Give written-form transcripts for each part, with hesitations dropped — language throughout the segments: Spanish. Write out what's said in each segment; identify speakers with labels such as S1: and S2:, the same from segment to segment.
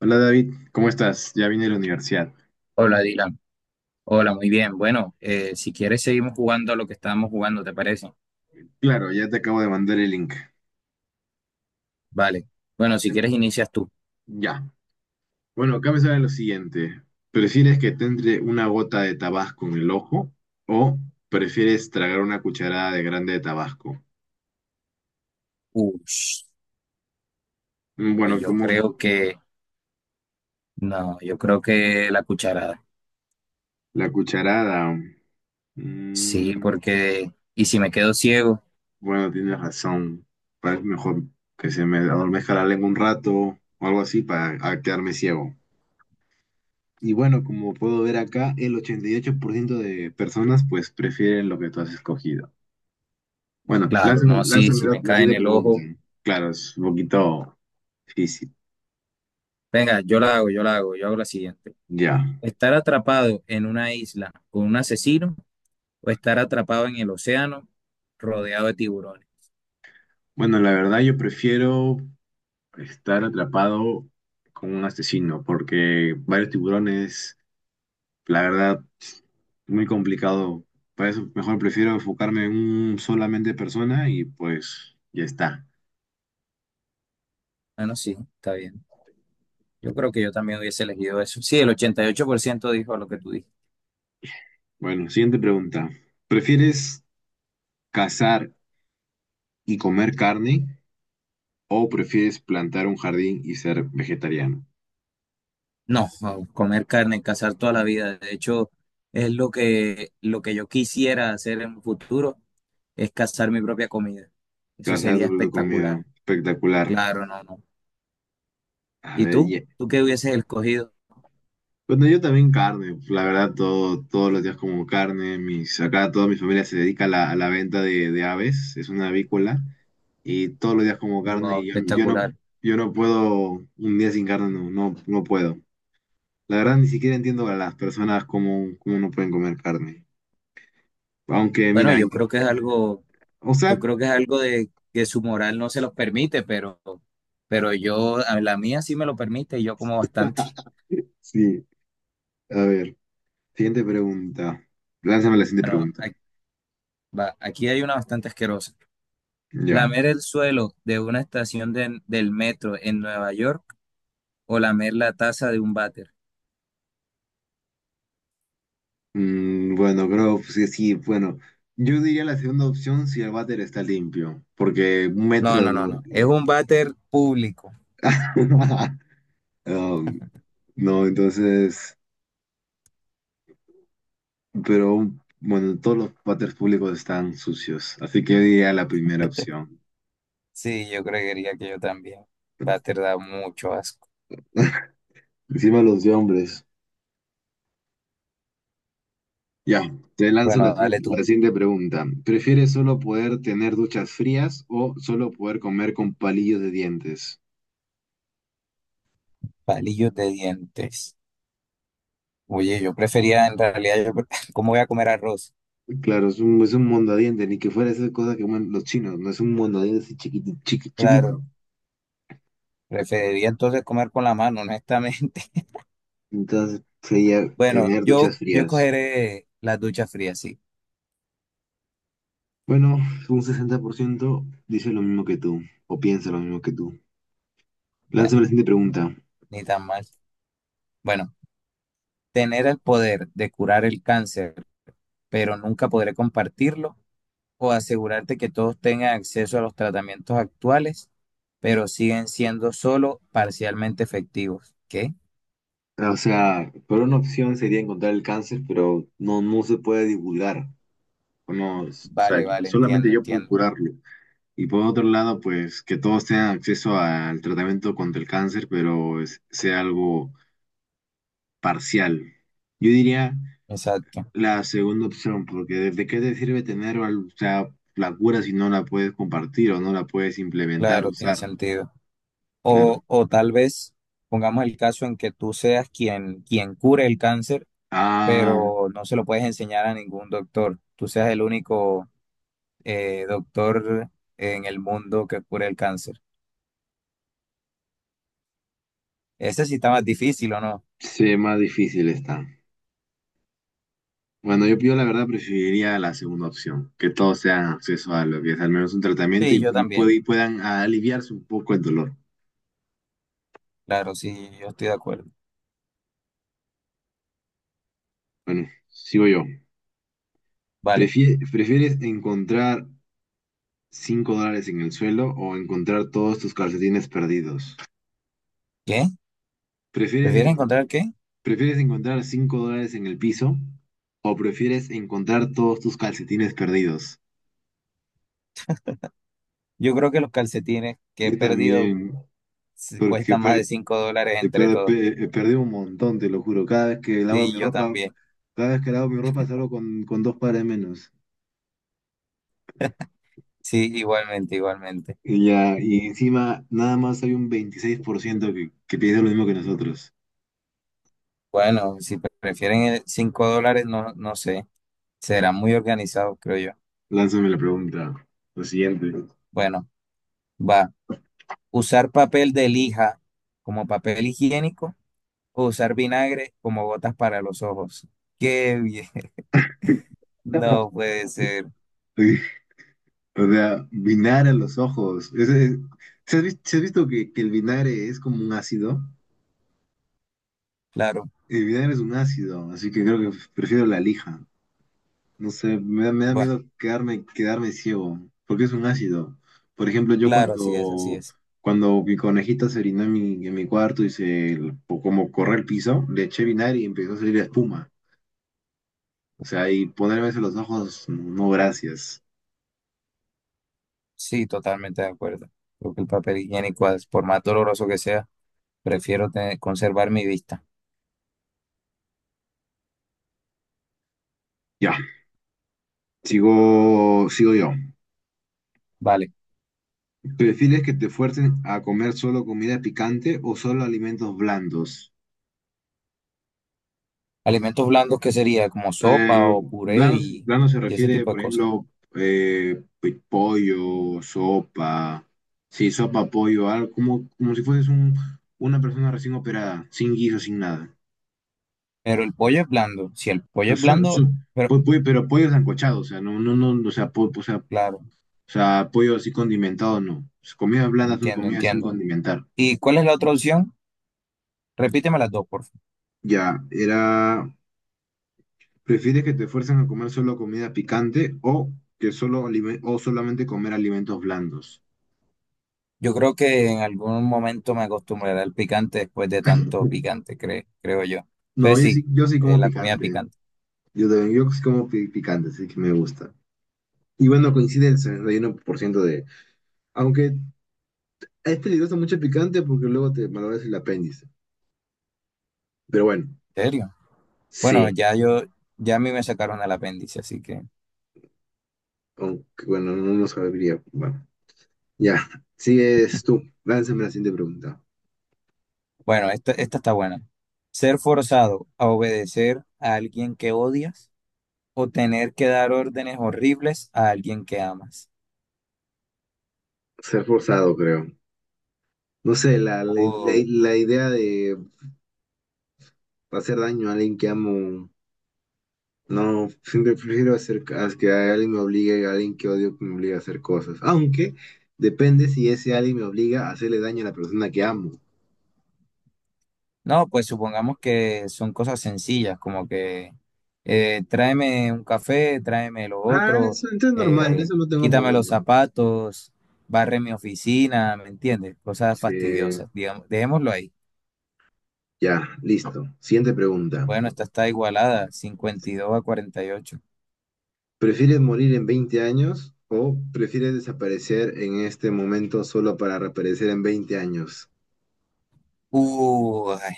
S1: Hola David, ¿cómo estás? Ya vine a la universidad.
S2: Hola, Dylan. Hola, muy bien. Bueno, si quieres seguimos jugando a lo que estábamos jugando, ¿te parece?
S1: Claro, ya te acabo de mandar el link.
S2: Vale. Bueno, si
S1: Em,
S2: quieres inicias tú.
S1: Ya. Bueno, acá me sale lo siguiente. ¿Prefieres que te entre una gota de tabasco en el ojo o prefieres tragar una cucharada de grande de tabasco?
S2: Ush, pues
S1: Bueno,
S2: yo
S1: como
S2: creo que... No, yo creo que la cucharada.
S1: la cucharada.
S2: Sí,
S1: mm,
S2: porque... ¿Y si me quedo ciego?
S1: bueno, tienes razón. Parece mejor que se me adormezca la lengua un rato o algo así para a quedarme ciego. Y bueno, como puedo ver acá, el 88% de personas pues prefieren lo que tú has escogido. Bueno,
S2: Claro, no, sí,
S1: lánzame
S2: si me
S1: la
S2: cae en
S1: siguiente
S2: el
S1: pregunta.
S2: ojo.
S1: Claro, es un poquito difícil.
S2: Venga, yo la hago, yo la hago, yo hago la siguiente.
S1: Ya.
S2: ¿Estar atrapado en una isla con un asesino o estar atrapado en el océano rodeado de tiburones?
S1: Bueno, la verdad yo prefiero estar atrapado con un asesino porque varios tiburones, la verdad, muy complicado. Para eso mejor prefiero enfocarme en un solamente persona y pues ya está.
S2: Bueno, sí, está bien. Yo creo que yo también hubiese elegido eso. Sí, el 88% dijo lo que tú dijiste.
S1: Bueno, siguiente pregunta. ¿Prefieres cazar y comer carne o prefieres plantar un jardín y ser vegetariano?
S2: No, no, comer carne, cazar toda la vida. De hecho, es lo que yo quisiera hacer en un futuro, es cazar mi propia comida. Eso
S1: Gracias
S2: sería
S1: por tu propia comida.
S2: espectacular.
S1: Espectacular.
S2: Claro, no, no.
S1: A
S2: ¿Y
S1: ver,
S2: tú? ¿Tú qué hubieses escogido?
S1: bueno, yo también carne. La verdad, todos los días como carne. Mis, acá toda mi familia se dedica a a la venta de aves. Es una avícola. Y todos los días como carne.
S2: Wow, espectacular.
S1: Yo no puedo, un día sin carne no puedo. La verdad, ni siquiera entiendo a las personas cómo no pueden comer carne. Aunque,
S2: Bueno,
S1: mira,
S2: yo creo que es algo,
S1: o
S2: yo
S1: sea,
S2: creo que es algo de que su moral no se los permite, pero yo, a la mía sí me lo permite y yo como bastante.
S1: sí, a ver. Siguiente pregunta. Lánzame la siguiente
S2: Bueno,
S1: pregunta.
S2: va, aquí hay una bastante asquerosa.
S1: Ya.
S2: ¿Lamer el suelo de una estación del metro en Nueva York o lamer la taza de un váter?
S1: Bueno, creo que sí, bueno. Yo diría la segunda opción si el váter está limpio, porque un
S2: No,
S1: metro
S2: no, no,
S1: lo...
S2: no. Es un váter público.
S1: Um, no, entonces, pero bueno, todos los váteres públicos están sucios, así que yo diría la primera opción.
S2: Sí, yo creería que yo también. Váter da mucho asco.
S1: Encima los de hombres. Ya, te lanzo
S2: Bueno, dale tú.
S1: la siguiente pregunta. ¿Prefieres solo poder tener duchas frías o solo poder comer con palillos de dientes?
S2: Palillos de dientes. Oye, yo prefería, en realidad, yo, ¿cómo voy a comer arroz?
S1: Claro, es es un mondadiente, ni que fuera esa cosa que comen los chinos, no es un mondadiente así
S2: Claro,
S1: chiquito.
S2: preferiría entonces comer con la mano, honestamente.
S1: Entonces sería
S2: Bueno,
S1: tener
S2: yo,
S1: duchas
S2: yo
S1: frías.
S2: cogeré las duchas frías, sí.
S1: Bueno, un 60% dice lo mismo que tú, o piensa lo mismo que tú. Lánzame la
S2: Bueno,
S1: siguiente pregunta.
S2: ni tan mal. Bueno, tener el poder de curar el cáncer, pero nunca podré compartirlo, o asegurarte que todos tengan acceso a los tratamientos actuales, pero siguen siendo solo parcialmente efectivos. ¿Qué?
S1: O sea, por una opción sería encontrar el cáncer, pero no se puede divulgar. O no, o sea,
S2: Vale, vale,
S1: solamente
S2: entiendo,
S1: yo puedo
S2: entiendo.
S1: curarlo. Y por otro lado, pues que todos tengan acceso al tratamiento contra el cáncer, pero sea algo parcial. Yo diría
S2: Exacto.
S1: la segunda opción, porque ¿de qué te sirve tener, o sea, la cura si no la puedes compartir o no la puedes implementar,
S2: Claro, tiene
S1: usar?
S2: sentido.
S1: Claro.
S2: O tal vez pongamos el caso en que tú seas quien cure el cáncer,
S1: Ah,
S2: pero no se lo puedes enseñar a ningún doctor. Tú seas el único doctor en el mundo que cure el cáncer. Ese sí está más difícil, ¿o no?
S1: sí, más difícil está. Bueno, yo la verdad preferiría la segunda opción, que todos tengan acceso a lo que es al menos un tratamiento
S2: Sí, yo
S1: y
S2: también.
S1: y puedan aliviarse un poco el dolor.
S2: Claro, sí, yo estoy de acuerdo.
S1: Bueno, sigo yo.
S2: Vale.
S1: ¿Prefieres encontrar $5 en el suelo o encontrar todos tus calcetines perdidos?
S2: ¿Qué?
S1: ¿Prefieres
S2: ¿Prefieres
S1: encontrar
S2: encontrar qué?
S1: ¿Prefieres encontrar 5 dólares en el piso o prefieres encontrar todos tus calcetines perdidos?
S2: Yo creo que los calcetines que he
S1: Yo
S2: perdido
S1: también, porque
S2: cuestan más de $5 entre todos.
S1: perdí un montón, te lo juro. Cada vez que lavo
S2: Sí,
S1: mi
S2: yo
S1: ropa,
S2: también.
S1: cada vez que lavo mi ropa salgo con dos pares menos.
S2: Sí, igualmente, igualmente.
S1: Y ya, y encima nada más hay un 26% que piensa lo mismo que nosotros.
S2: Bueno, si prefieren el $5, no, no sé. Será muy organizado, creo yo.
S1: Lánzame la pregunta, lo siguiente.
S2: Bueno, va. Usar papel de lija como papel higiénico o usar vinagre como gotas para los ojos. Qué bien. No puede ser.
S1: O sea, vinagre en los ojos. Se has visto que el vinagre es como un ácido?
S2: Claro,
S1: El video es un ácido, así que creo que prefiero la lija. No sé, me da
S2: bueno,
S1: miedo quedarme ciego, porque es un ácido. Por ejemplo, yo
S2: claro, así es, así es.
S1: cuando mi conejita se orinó en mi cuarto y se, como corre el piso, le eché vinagre y empezó a salir espuma. O sea, y ponerme eso en los ojos, no gracias.
S2: Sí, totalmente de acuerdo. Creo que el papel higiénico, por más doloroso que sea, prefiero conservar mi vista.
S1: Ya, sigo yo.
S2: Vale.
S1: ¿Prefieres que te fuercen a comer solo comida picante o solo alimentos blandos?
S2: Alimentos blandos, ¿qué sería? Como sopa
S1: Eh,
S2: o puré
S1: blando se
S2: y ese
S1: refiere,
S2: tipo de
S1: por
S2: cosas.
S1: ejemplo, pues, sí, sopa, pollo, algo como, como si fueses una persona recién operada, sin guiso, sin nada.
S2: Pero el pollo es blando. Si el
S1: O
S2: pollo
S1: sea,
S2: es blando, pero
S1: pero pollo sancochado, o sea, no, o sea, o sea, o
S2: claro,
S1: sea, pollo así condimentado, no. Las comidas blandas son
S2: entiendo,
S1: comidas sin
S2: entiendo.
S1: condimentar.
S2: ¿Y cuál es la otra opción? Repíteme las dos, por favor.
S1: Ya, era, ¿prefieres que te fuercen a comer solo comida picante o que solo o solamente comer alimentos blandos?
S2: Yo creo que en algún momento me acostumbraré al picante después de tanto picante, creo yo.
S1: No,
S2: Entonces sí,
S1: yo sí como
S2: la comida
S1: picante.
S2: picante.
S1: Yo también, yo sí como picante, así que me gusta. Y bueno, coincide el 61% de... Aunque es peligroso mucho el picante porque luego te malogras el apéndice. Pero bueno,
S2: ¿En serio? Bueno,
S1: sí.
S2: ya yo, ya a mí me sacaron el apéndice, así que,
S1: Aunque bueno, no lo sabría. Bueno, ya. Sigues tú. Lánzame la siguiente pregunta.
S2: bueno, esta está buena. Ser forzado a obedecer a alguien que odias o tener que dar órdenes horribles a alguien que amas.
S1: Ser forzado, creo. No sé,
S2: Uh,
S1: la idea de hacer daño a alguien que amo. No, siempre prefiero hacer a que alguien me obligue, a alguien que odio que me obligue a hacer cosas. Aunque depende si ese alguien me obliga a hacerle daño a la persona que amo.
S2: no, pues supongamos que son cosas sencillas, como que tráeme un café, tráeme lo
S1: Ah,
S2: otro,
S1: eso entonces es normal,
S2: eh,
S1: eso no tengo
S2: quítame los
S1: problema.
S2: zapatos, barre mi oficina, ¿me entiendes? Cosas
S1: Sí,
S2: fastidiosas, digamos, dejémoslo ahí.
S1: ya, listo. Siguiente pregunta.
S2: Bueno, esta está igualada, 52 a 48.
S1: ¿Prefieres morir en 20 años o prefieres desaparecer en este momento solo para reaparecer en 20 años?
S2: Ay,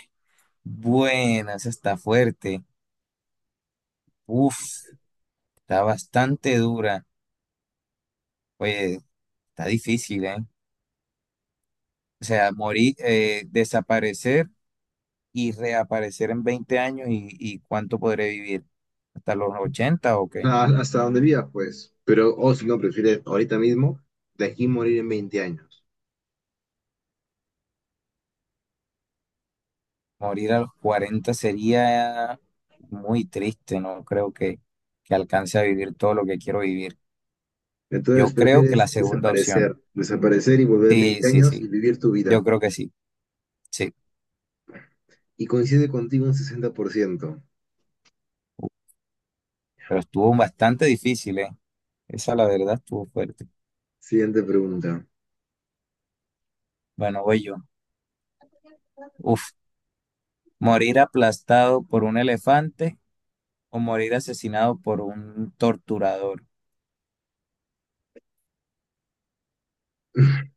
S2: buena, esa está fuerte. Uf, está bastante dura. Oye, está difícil, ¿eh? O sea, morir, desaparecer y reaparecer en 20 años y ¿cuánto podré vivir? ¿Hasta los 80 o qué?
S1: Ah, hasta donde vivas, pues. Pero, o si no, prefieres ahorita mismo, de aquí morir en 20 años.
S2: Morir a los 40 sería muy triste, no creo que alcance a vivir todo lo que quiero vivir.
S1: Entonces
S2: Yo creo que la
S1: prefieres
S2: segunda opción.
S1: desaparecer y volver
S2: Sí,
S1: 20
S2: sí,
S1: años y
S2: sí,
S1: vivir tu
S2: yo
S1: vida.
S2: creo que sí. Sí,
S1: Y coincide contigo un 60%.
S2: pero estuvo bastante difícil, ¿eh? Esa la verdad estuvo fuerte.
S1: Siguiente pregunta.
S2: Bueno, voy yo. Uf, morir aplastado por un elefante o morir asesinado por un torturador.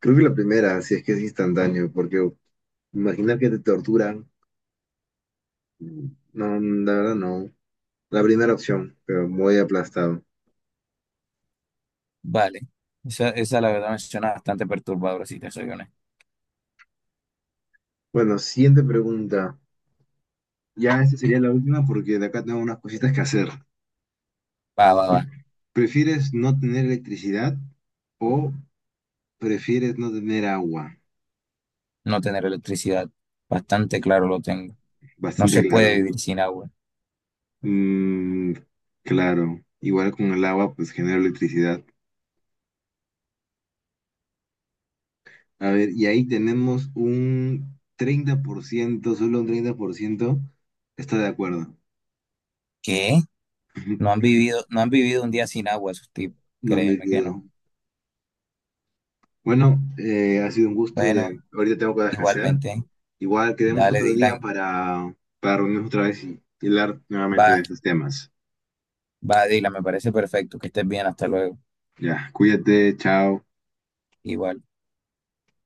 S1: Creo que la primera, si es que es instantáneo, porque imaginar que te torturan, no, la verdad no. La primera opción, pero muy aplastado.
S2: Vale. Esa la verdad me suena bastante perturbadora, si te soy honesto.
S1: Bueno, siguiente pregunta. Ya esta sería la última porque de acá tengo unas cositas que hacer.
S2: Va, va, va.
S1: ¿Prefieres no tener electricidad o prefieres no tener agua?
S2: No tener electricidad. Bastante claro lo tengo. No
S1: Bastante
S2: se puede
S1: claro.
S2: vivir sin agua.
S1: Mm, claro, igual con el agua, pues genera electricidad. A ver, y ahí tenemos un 30% solo un 30% está de acuerdo.
S2: ¿Qué? No han vivido, no han vivido un día sin agua esos tipos.
S1: No me
S2: Créeme que no.
S1: olvido. Bueno, ha sido un gusto. De,
S2: Bueno,
S1: ahorita tengo cosas que hacer.
S2: igualmente.
S1: Igual quedemos
S2: Dale,
S1: otro día
S2: Dylan.
S1: para reunirnos otra vez y hablar nuevamente
S2: Va.
S1: de estos temas.
S2: Va, Dila, me parece perfecto. Que estés bien, hasta luego.
S1: Ya, cuídate, chao.
S2: Igual.